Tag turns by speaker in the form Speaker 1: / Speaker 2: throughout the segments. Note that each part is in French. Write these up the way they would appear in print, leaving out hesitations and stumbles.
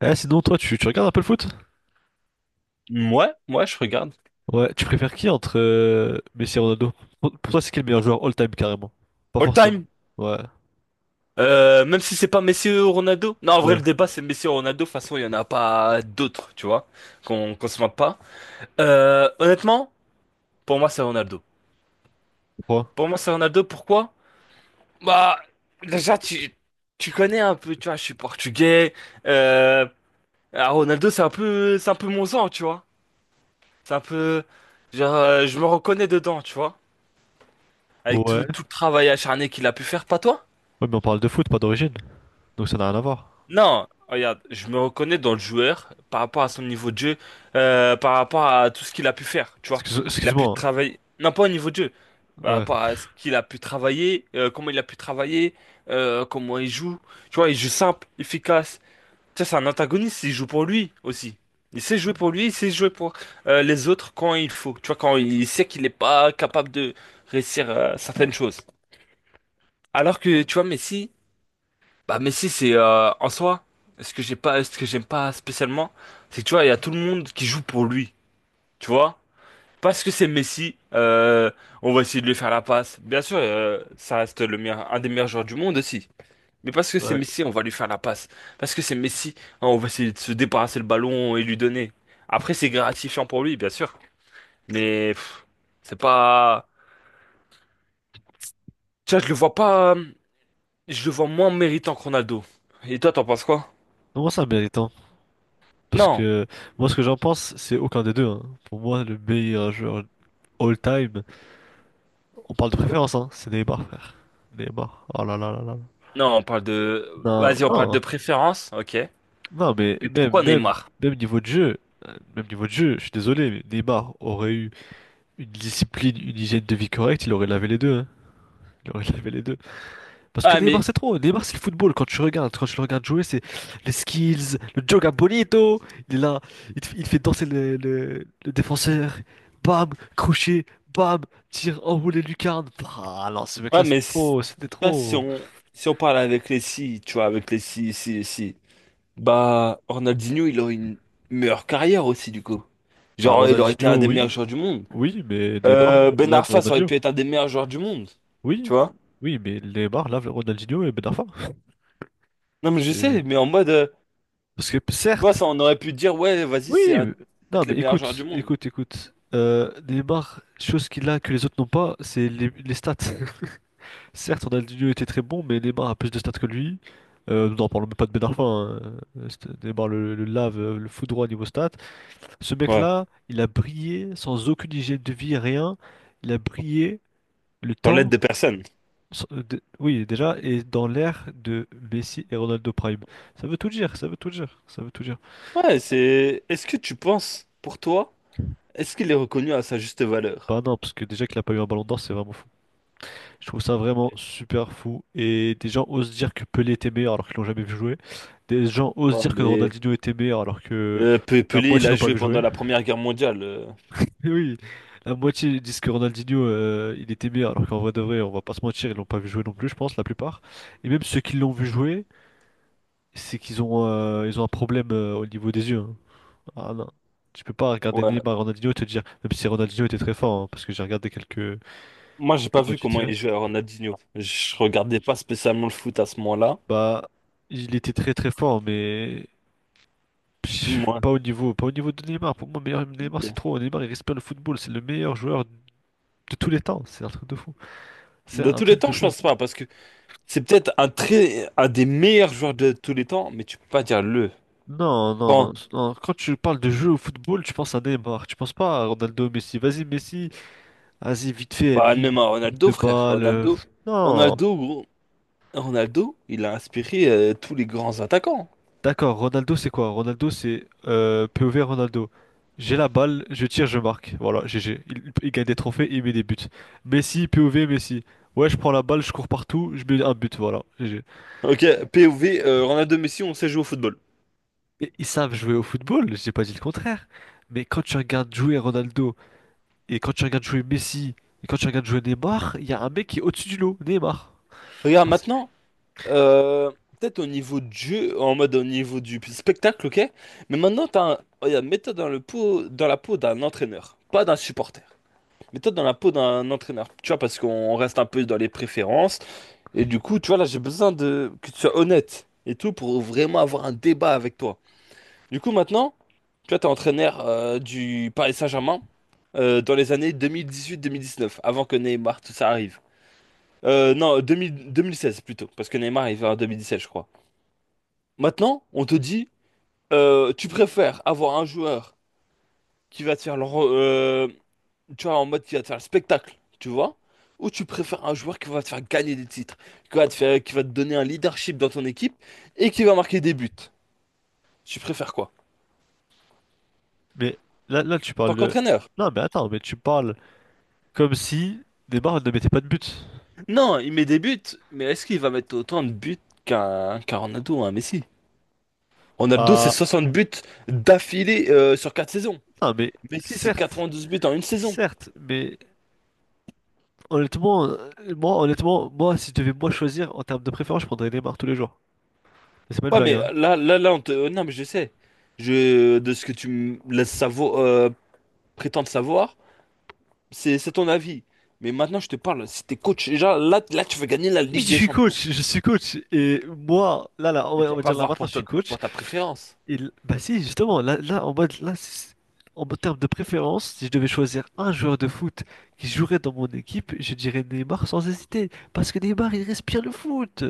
Speaker 1: Sinon, toi, tu regardes un peu le foot?
Speaker 2: Ouais, ouais, je regarde.
Speaker 1: Ouais, tu préfères qui entre Messi et Ronaldo? Pour toi, c'est qui le meilleur joueur all-time carrément? Pas
Speaker 2: All
Speaker 1: forcément.
Speaker 2: time.
Speaker 1: Ouais.
Speaker 2: Même si c'est pas Messi ou Ronaldo. Non, en vrai,
Speaker 1: Ouais.
Speaker 2: le débat, c'est Messi ou Ronaldo. De toute façon, il y en a pas d'autres, tu vois, qu'on se moque pas. Honnêtement, pour moi, c'est Ronaldo.
Speaker 1: Pourquoi?
Speaker 2: Pour moi, c'est Ronaldo. Pourquoi? Bah, déjà, tu connais un peu, tu vois, je suis portugais. Euh, alors, Ronaldo, c'est un peu mon sang, tu vois. C'est un peu, genre, je me reconnais dedans, tu vois. Avec
Speaker 1: Ouais.
Speaker 2: tout le travail acharné qu'il a pu faire, pas toi?
Speaker 1: Ouais, mais on parle de foot, pas d'origine. Donc ça n'a rien à voir.
Speaker 2: Non, regarde, je me reconnais dans le joueur par rapport à son niveau de jeu, par rapport à tout ce qu'il a pu faire, tu vois. Il a pu
Speaker 1: Excuse-moi.
Speaker 2: travailler, non pas au niveau de jeu,
Speaker 1: Hein.
Speaker 2: par
Speaker 1: Ouais.
Speaker 2: rapport à ce qu'il a pu travailler, comment il a pu travailler, comment il joue. Tu vois, il joue simple, efficace. Tu sais, c'est un antagoniste, il joue pour lui aussi. Il sait jouer pour lui, il sait jouer pour les autres quand il faut. Tu vois, quand il sait qu'il n'est pas capable de réussir certaines choses. Alors que, tu vois, Messi... Bah Messi c'est en soi, ce que j'ai pas, ce que j'aime pas spécialement, c'est que tu vois, il y a tout le monde qui joue pour lui, tu vois. Parce que c'est Messi, on va essayer de lui faire la passe. Bien sûr, ça reste le meilleur, un des meilleurs joueurs du monde aussi. Mais parce que c'est
Speaker 1: Ouais.
Speaker 2: Messi, on va lui faire la passe. Parce que c'est Messi, hein, on va essayer de se débarrasser le ballon et lui donner. Après, c'est gratifiant pour lui, bien sûr. Mais c'est pas, tu vois, je le vois pas, je le vois moins méritant que Ronaldo. Et toi, t'en penses quoi?
Speaker 1: Non, moi, c'est un méritant. Parce
Speaker 2: Non.
Speaker 1: que moi, ce que j'en pense, c'est aucun des deux. Hein. Pour moi, le meilleur joueur all-time, on parle de préférence, hein. C'est Neymar, frère. Neymar. Oh là là là là.
Speaker 2: Non, on parle de...
Speaker 1: Non,
Speaker 2: Vas-y, on parle de
Speaker 1: non.
Speaker 2: préférence, ok.
Speaker 1: Non, mais
Speaker 2: Mais pourquoi Neymar?
Speaker 1: même niveau de jeu, même niveau de jeu, je suis désolé, mais Neymar aurait eu une discipline, une hygiène de vie correcte, il aurait lavé les deux, hein. Il aurait lavé les deux. Parce que
Speaker 2: Ah,
Speaker 1: Neymar,
Speaker 2: mais...
Speaker 1: c'est trop. Neymar, c'est le football. Quand tu regardes, quand tu le regardes jouer, c'est les skills, le joga bonito. Il est là, il fait danser le défenseur. Bam, crochet, bam, tir, enroulé lucarne. Ah non, ce
Speaker 2: Ouais,
Speaker 1: mec-là,
Speaker 2: mais...
Speaker 1: c'était trop, c'était
Speaker 2: Ça, si
Speaker 1: trop.
Speaker 2: on... Si on parle avec les si, tu vois, avec les si, si, si... Bah, Ronaldinho, il aurait une meilleure carrière aussi, du coup.
Speaker 1: Bah,
Speaker 2: Genre, il aurait été un
Speaker 1: Ronaldinho,
Speaker 2: des
Speaker 1: oui,
Speaker 2: meilleurs joueurs du monde.
Speaker 1: oui, mais Neymar,
Speaker 2: Ben
Speaker 1: là,
Speaker 2: Arfa, ça aurait
Speaker 1: Ronaldinho.
Speaker 2: pu être un des meilleurs joueurs du monde.
Speaker 1: Oui,
Speaker 2: Tu vois?
Speaker 1: oui, mais Neymar lave le Ronaldinho et Ben Arfa.
Speaker 2: Non, mais je
Speaker 1: C'est-
Speaker 2: sais, mais en mode...
Speaker 1: Parce que
Speaker 2: tu vois,
Speaker 1: certes,
Speaker 2: ça, on aurait pu dire, ouais, vas-y, c'est
Speaker 1: oui,
Speaker 2: un...
Speaker 1: non,
Speaker 2: peut-être les
Speaker 1: mais
Speaker 2: meilleurs joueurs du
Speaker 1: écoute,
Speaker 2: monde.
Speaker 1: écoute, écoute. Neymar, chose qu'il a que les autres n'ont pas, c'est les stats. Certes, Ronaldinho était très bon, mais Neymar a plus de stats que lui. Nous n'en parlons même pas de Ben Arfa. Hein. Neymar le lave, le foudroie niveau stats. Ce
Speaker 2: Ouais,
Speaker 1: mec-là, il a brillé sans aucune hygiène de vie, rien. Il a brillé le
Speaker 2: sans l'aide
Speaker 1: temps
Speaker 2: de personne.
Speaker 1: Oui, déjà, et dans l'ère de Messi et Ronaldo Prime. Ça veut tout dire, ça veut tout dire, ça veut tout dire.
Speaker 2: Ouais, c'est... Est-ce que tu penses, pour toi... Est-ce qu'il est reconnu à sa juste valeur?
Speaker 1: Bah non, parce que déjà qu'il a pas eu un ballon d'or, c'est vraiment fou. Je trouve ça vraiment
Speaker 2: Ok.
Speaker 1: super fou. Et des gens osent dire que Pelé était meilleur alors qu'ils l'ont jamais vu jouer. Des gens osent
Speaker 2: Ouais,
Speaker 1: dire que
Speaker 2: mais
Speaker 1: Ronaldinho était meilleur alors que la
Speaker 2: Pelé, il
Speaker 1: moitié
Speaker 2: a
Speaker 1: l'ont pas
Speaker 2: joué
Speaker 1: vu jouer.
Speaker 2: pendant la Première Guerre mondiale. euh,
Speaker 1: Oui, la moitié disent que Ronaldinho, il était meilleur alors qu'en vrai de vrai, on va pas se mentir, ils l'ont pas vu jouer non plus, je pense, la plupart. Et même ceux qui l'ont vu jouer, c'est qu'ils ont, ils ont un problème, au niveau des yeux. Hein. Ah non. Tu peux pas regarder
Speaker 2: ouais.
Speaker 1: Neymar, Ronaldinho et te dire, même si Ronaldinho était très fort, hein, parce que j'ai regardé quelques,
Speaker 2: Moi, j'ai pas
Speaker 1: quelques
Speaker 2: vu
Speaker 1: matchs vite
Speaker 2: comment
Speaker 1: fait,
Speaker 2: il jouait à Ronaldinho. Je regardais pas spécialement le foot à ce moment-là.
Speaker 1: bah, il était très très fort, mais pff,
Speaker 2: Moi,
Speaker 1: pas au niveau de Neymar. Pour moi, meilleur Neymar, c'est
Speaker 2: ok.
Speaker 1: trop. Neymar, il respire le football, c'est le meilleur joueur de tous les temps. C'est un truc de fou. C'est
Speaker 2: De
Speaker 1: un
Speaker 2: tous les
Speaker 1: truc de
Speaker 2: temps, je
Speaker 1: fou.
Speaker 2: pense pas, parce que c'est peut-être un très, un des meilleurs joueurs de tous les temps, mais tu peux pas dire le.
Speaker 1: Non, non,
Speaker 2: Quand,
Speaker 1: non, non. Quand tu parles de jeu au football, tu penses à Neymar, tu penses pas à Ronaldo, Messi. Vas-y, Messi, vas-y, vite fait,
Speaker 2: bah, même à
Speaker 1: lui,
Speaker 2: Ronaldo,
Speaker 1: de
Speaker 2: frère.
Speaker 1: balle.
Speaker 2: Ronaldo,
Speaker 1: Non.
Speaker 2: Ronaldo, gros. Ronaldo, il a inspiré tous les grands attaquants.
Speaker 1: D'accord, Ronaldo c'est quoi? Ronaldo c'est POV Ronaldo. J'ai la balle, je tire, je marque. Voilà, GG. Il gagne des trophées, il met des buts. Messi, POV, Messi. Ouais, je prends la balle, je cours partout, je mets un but, voilà, GG.
Speaker 2: Ok, POV, Ronaldo Messi, on sait jouer au football.
Speaker 1: Et ils savent jouer au football, j'ai pas dit le contraire. Mais quand tu regardes jouer Ronaldo, et quand tu regardes jouer Messi, et quand tu regardes jouer Neymar, il y a un mec qui est au-dessus du lot, Neymar.
Speaker 2: Regarde
Speaker 1: Parce-
Speaker 2: maintenant. Euh, peut-être au niveau du jeu, en mode au niveau du spectacle, ok? Mais maintenant, t'as un... regarde, mets-toi dans la peau d'un entraîneur, pas d'un supporter. Mets-toi dans la peau d'un entraîneur, tu vois, parce qu'on reste un peu dans les préférences. Et du coup, tu vois, là, j'ai besoin de que tu sois honnête et tout pour vraiment avoir un débat avec toi. Du coup, maintenant, tu vois, t'es entraîneur du Paris Saint-Germain dans les années 2018-2019, avant que Neymar, tout ça arrive. Non, 2000 2016 plutôt, parce que Neymar est en 2017, je crois. Maintenant, on te dit, tu préfères avoir un joueur qui va te faire tu vois, en mode qui va te faire le spectacle, tu vois, ou tu préfères un joueur qui va te faire gagner des titres, qui va te faire, qui va te donner un leadership dans ton équipe et qui va marquer des buts. Tu préfères quoi?
Speaker 1: Mais là, là tu
Speaker 2: Tant
Speaker 1: parles de...
Speaker 2: qu'entraîneur?
Speaker 1: Non mais attends, mais tu parles comme si Neymar ne mettait pas de but.
Speaker 2: Non, il met des buts, mais est-ce qu'il va mettre autant de buts qu'un Ronaldo ou un Messi? Ronaldo, c'est
Speaker 1: Bah...
Speaker 2: 60 buts d'affilée sur 4 saisons.
Speaker 1: Non mais...
Speaker 2: Messi, c'est
Speaker 1: Certes,
Speaker 2: 92 buts en une saison.
Speaker 1: certes, mais honnêtement, moi, honnêtement, moi, si je devais moi choisir en termes de préférence, je prendrais Neymar tous les jours. Mais c'est pas une
Speaker 2: Ouais,
Speaker 1: blague,
Speaker 2: mais
Speaker 1: hein.
Speaker 2: là, on te... Non, mais je sais. Je... De ce que tu me laisses prétendre savoir, c'est ton avis. Mais maintenant, je te parle. Si t'es coach, déjà, là, tu veux gagner la
Speaker 1: Oui,
Speaker 2: Ligue
Speaker 1: je
Speaker 2: des
Speaker 1: suis
Speaker 2: Champions.
Speaker 1: coach, je suis coach. Et moi, là, là,
Speaker 2: Mais tu
Speaker 1: on
Speaker 2: vas
Speaker 1: va
Speaker 2: pas
Speaker 1: dire là
Speaker 2: voir
Speaker 1: maintenant,
Speaker 2: pour
Speaker 1: je
Speaker 2: ta,
Speaker 1: suis coach.
Speaker 2: pour ta préférence.
Speaker 1: Bah si, justement, là, là en mode, là, si- en mode terme de préférence, si je devais choisir un joueur de foot qui jouerait dans mon équipe, je dirais Neymar sans hésiter. Parce que Neymar, il respire le foot.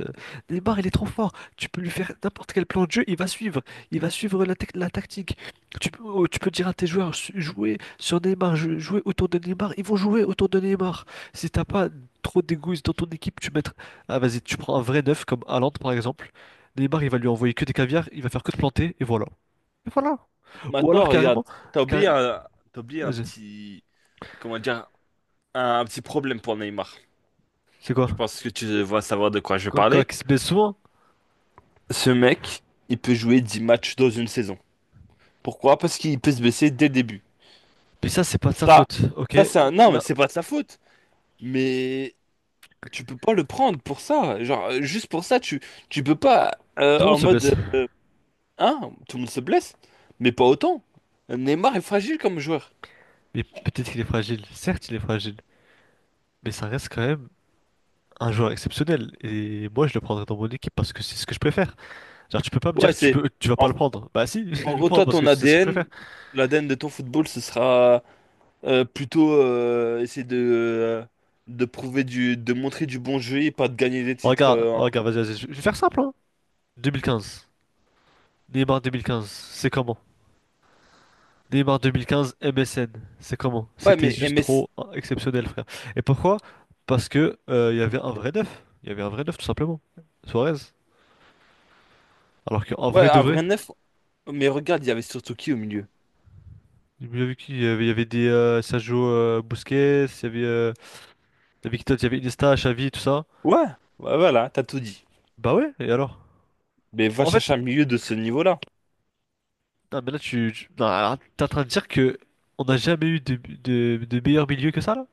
Speaker 1: Neymar, il est trop fort. Tu peux lui faire n'importe quel plan de jeu, il va suivre. Il va suivre la tactique. Tu peux, oh, tu peux dire à tes joueurs, jouez sur Neymar, jouez autour de Neymar. Ils vont jouer autour de Neymar. Si t'as pas trop d'égoïsme dans ton équipe, tu mets... Ah vas-y, tu prends un vrai neuf comme Haaland, par exemple. Neymar, il va lui envoyer que des caviars, il va faire que de planter, et voilà. Et voilà. Ou alors
Speaker 2: Maintenant, regarde,
Speaker 1: carrément,
Speaker 2: t'as
Speaker 1: ca-
Speaker 2: oublié un... t'as oublié un
Speaker 1: vas-y,
Speaker 2: petit... Comment dire? Un petit problème pour Neymar.
Speaker 1: c'est
Speaker 2: Je
Speaker 1: quoi?
Speaker 2: pense que tu vas savoir de quoi je vais
Speaker 1: Quoi, quoi,
Speaker 2: parler.
Speaker 1: qu'il se blesse souvent?
Speaker 2: Ce mec, il peut jouer 10 matchs dans une saison. Pourquoi? Parce qu'il peut se blesser dès le début.
Speaker 1: Mais ça, c'est pas de sa
Speaker 2: Ça,
Speaker 1: faute, ok?
Speaker 2: ça, c'est un... Non, mais
Speaker 1: Là,
Speaker 2: c'est pas de sa faute. Mais tu peux pas le prendre pour ça. Genre, juste pour ça, tu peux pas
Speaker 1: tout le monde
Speaker 2: en
Speaker 1: se
Speaker 2: mode
Speaker 1: blesse.
Speaker 2: hein, tout le monde se blesse, mais pas autant. Neymar est fragile comme joueur.
Speaker 1: Mais peut-être qu'il est fragile. Certes, il est fragile. Mais ça reste quand même un joueur exceptionnel. Et moi, je le prendrais dans mon équipe parce que c'est ce que je préfère. Genre, tu peux pas me dire
Speaker 2: Ouais,
Speaker 1: que tu
Speaker 2: c'est
Speaker 1: peux, tu vas pas
Speaker 2: en,
Speaker 1: le prendre. Bah si, je vais
Speaker 2: en
Speaker 1: le
Speaker 2: gros,
Speaker 1: prendre
Speaker 2: toi,
Speaker 1: parce que
Speaker 2: ton
Speaker 1: c'est ce que je préfère.
Speaker 2: ADN, l'ADN de ton football, ce sera plutôt essayer de prouver du, de montrer du bon jeu et pas de gagner des titres.
Speaker 1: Regarde, regarde, vas-y, vas-y, je vais faire simple, hein. 2015. Neymar 2015, c'est comment? Neymar 2015, MSN, c'est comment?
Speaker 2: Ouais,
Speaker 1: C'était
Speaker 2: mais
Speaker 1: juste
Speaker 2: MS,
Speaker 1: trop hein, exceptionnel, frère. Et pourquoi? Parce que il y avait un vrai neuf. Il y avait un vrai neuf, tout simplement. Suarez. Alors qu'en
Speaker 2: ouais,
Speaker 1: vrai de
Speaker 2: un
Speaker 1: vrai,
Speaker 2: vrai neuf. Mais regarde, il y avait surtout qui au milieu?
Speaker 1: j'ai bien vu qu'il y avait, il y avait des Sergio Busquets, il y avait qui d'autre? Il y avait Iniesta, Xavi, tout ça.
Speaker 2: Ouais, ouais, voilà, t'as tout dit.
Speaker 1: Bah ouais, et alors?
Speaker 2: Mais va
Speaker 1: En fait,
Speaker 2: chercher un milieu de ce niveau-là.
Speaker 1: non, mais là, non, alors, t'es en train de dire que on n'a jamais eu de meilleur milieu que ça, là?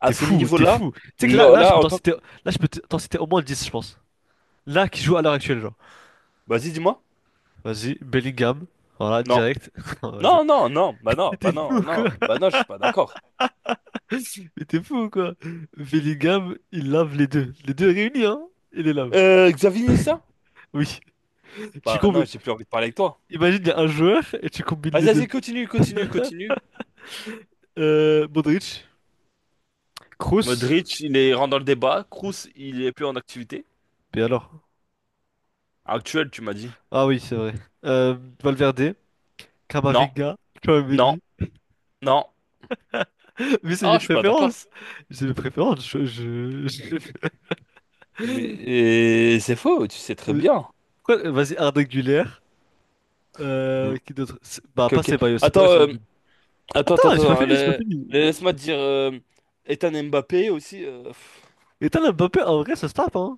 Speaker 2: À
Speaker 1: T'es
Speaker 2: ce
Speaker 1: fou, t'es
Speaker 2: niveau-là,
Speaker 1: fou. Tu sais que là,
Speaker 2: genre
Speaker 1: là, je
Speaker 2: là,
Speaker 1: peux
Speaker 2: en
Speaker 1: t'en
Speaker 2: tant que...
Speaker 1: citer, là, je peux t'en citer au moins 10, je pense. Là, qui joue à l'heure actuelle, genre.
Speaker 2: Vas-y, dis-moi.
Speaker 1: Vas-y, Bellingham. Voilà,
Speaker 2: Non.
Speaker 1: direct. Non, vas-y.
Speaker 2: Non, non, non. Bah
Speaker 1: Mais
Speaker 2: non, bah
Speaker 1: t'es fou ou
Speaker 2: non,
Speaker 1: quoi?
Speaker 2: non. Bah non, je suis pas d'accord.
Speaker 1: Mais t'es fou ou quoi? Bellingham, il lave les deux. Les deux réunis, hein? Il les lave.
Speaker 2: Xavi Nessa?
Speaker 1: Oui. Tu
Speaker 2: Bah non,
Speaker 1: combines.
Speaker 2: j'ai plus envie de parler avec toi.
Speaker 1: Imagine, il y a un joueur et tu combines
Speaker 2: Vas-y,
Speaker 1: les deux.
Speaker 2: vas-y, continue, continue, continue.
Speaker 1: Modric, Kroos.
Speaker 2: Modric, il est rentre dans le débat. Kroos, il est plus en activité.
Speaker 1: Mais alors?
Speaker 2: Actuel, tu m'as dit.
Speaker 1: Ah oui, c'est vrai. Valverde,
Speaker 2: Non,
Speaker 1: Camavinga,
Speaker 2: non,
Speaker 1: Tchouaméni.
Speaker 2: non.
Speaker 1: Mais c'est
Speaker 2: Ah,
Speaker 1: mes
Speaker 2: je suis pas d'accord.
Speaker 1: préférences. C'est mes préférences. Je-
Speaker 2: Mais c'est faux, tu sais très
Speaker 1: Mais
Speaker 2: bien.
Speaker 1: Vas-y, Arda Güler.
Speaker 2: Mm.
Speaker 1: Qui d'autre? Bah,
Speaker 2: Ok,
Speaker 1: pas
Speaker 2: ok.
Speaker 1: Ceballos. Ceballos,
Speaker 2: Attends,
Speaker 1: il est nul.
Speaker 2: attends,
Speaker 1: Attends,
Speaker 2: attends,
Speaker 1: j'ai pas
Speaker 2: attends.
Speaker 1: fini, j'ai pas fini.
Speaker 2: Laisse-moi te dire... Ethan Mbappé aussi... pff.
Speaker 1: Et t'as Mbappé, en vrai, ça se tape, hein?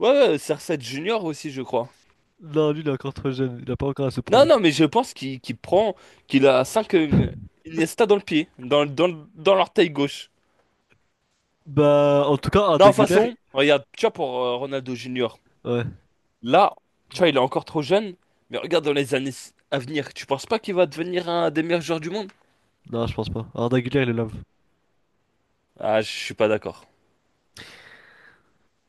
Speaker 2: Ouais, ouais, cr Junior aussi, je crois.
Speaker 1: Non, lui, il est encore trop jeune, il a pas encore à se
Speaker 2: Non,
Speaker 1: prouver.
Speaker 2: non, mais je pense qu'il prend, qu'il a 5 Iniesta dans le pied, dans l'orteil gauche.
Speaker 1: Bah, en tout cas,
Speaker 2: Non, de
Speaker 1: Arda
Speaker 2: toute
Speaker 1: Güler,
Speaker 2: façon, regarde, tu vois, pour Ronaldo Junior,
Speaker 1: ouais.
Speaker 2: là, tu vois, il est encore trop jeune, mais regarde dans les années à venir, tu penses pas qu'il va devenir un des meilleurs joueurs du monde?
Speaker 1: Non, je pense pas. Arda Güler, il est love.
Speaker 2: Ah, je suis pas d'accord.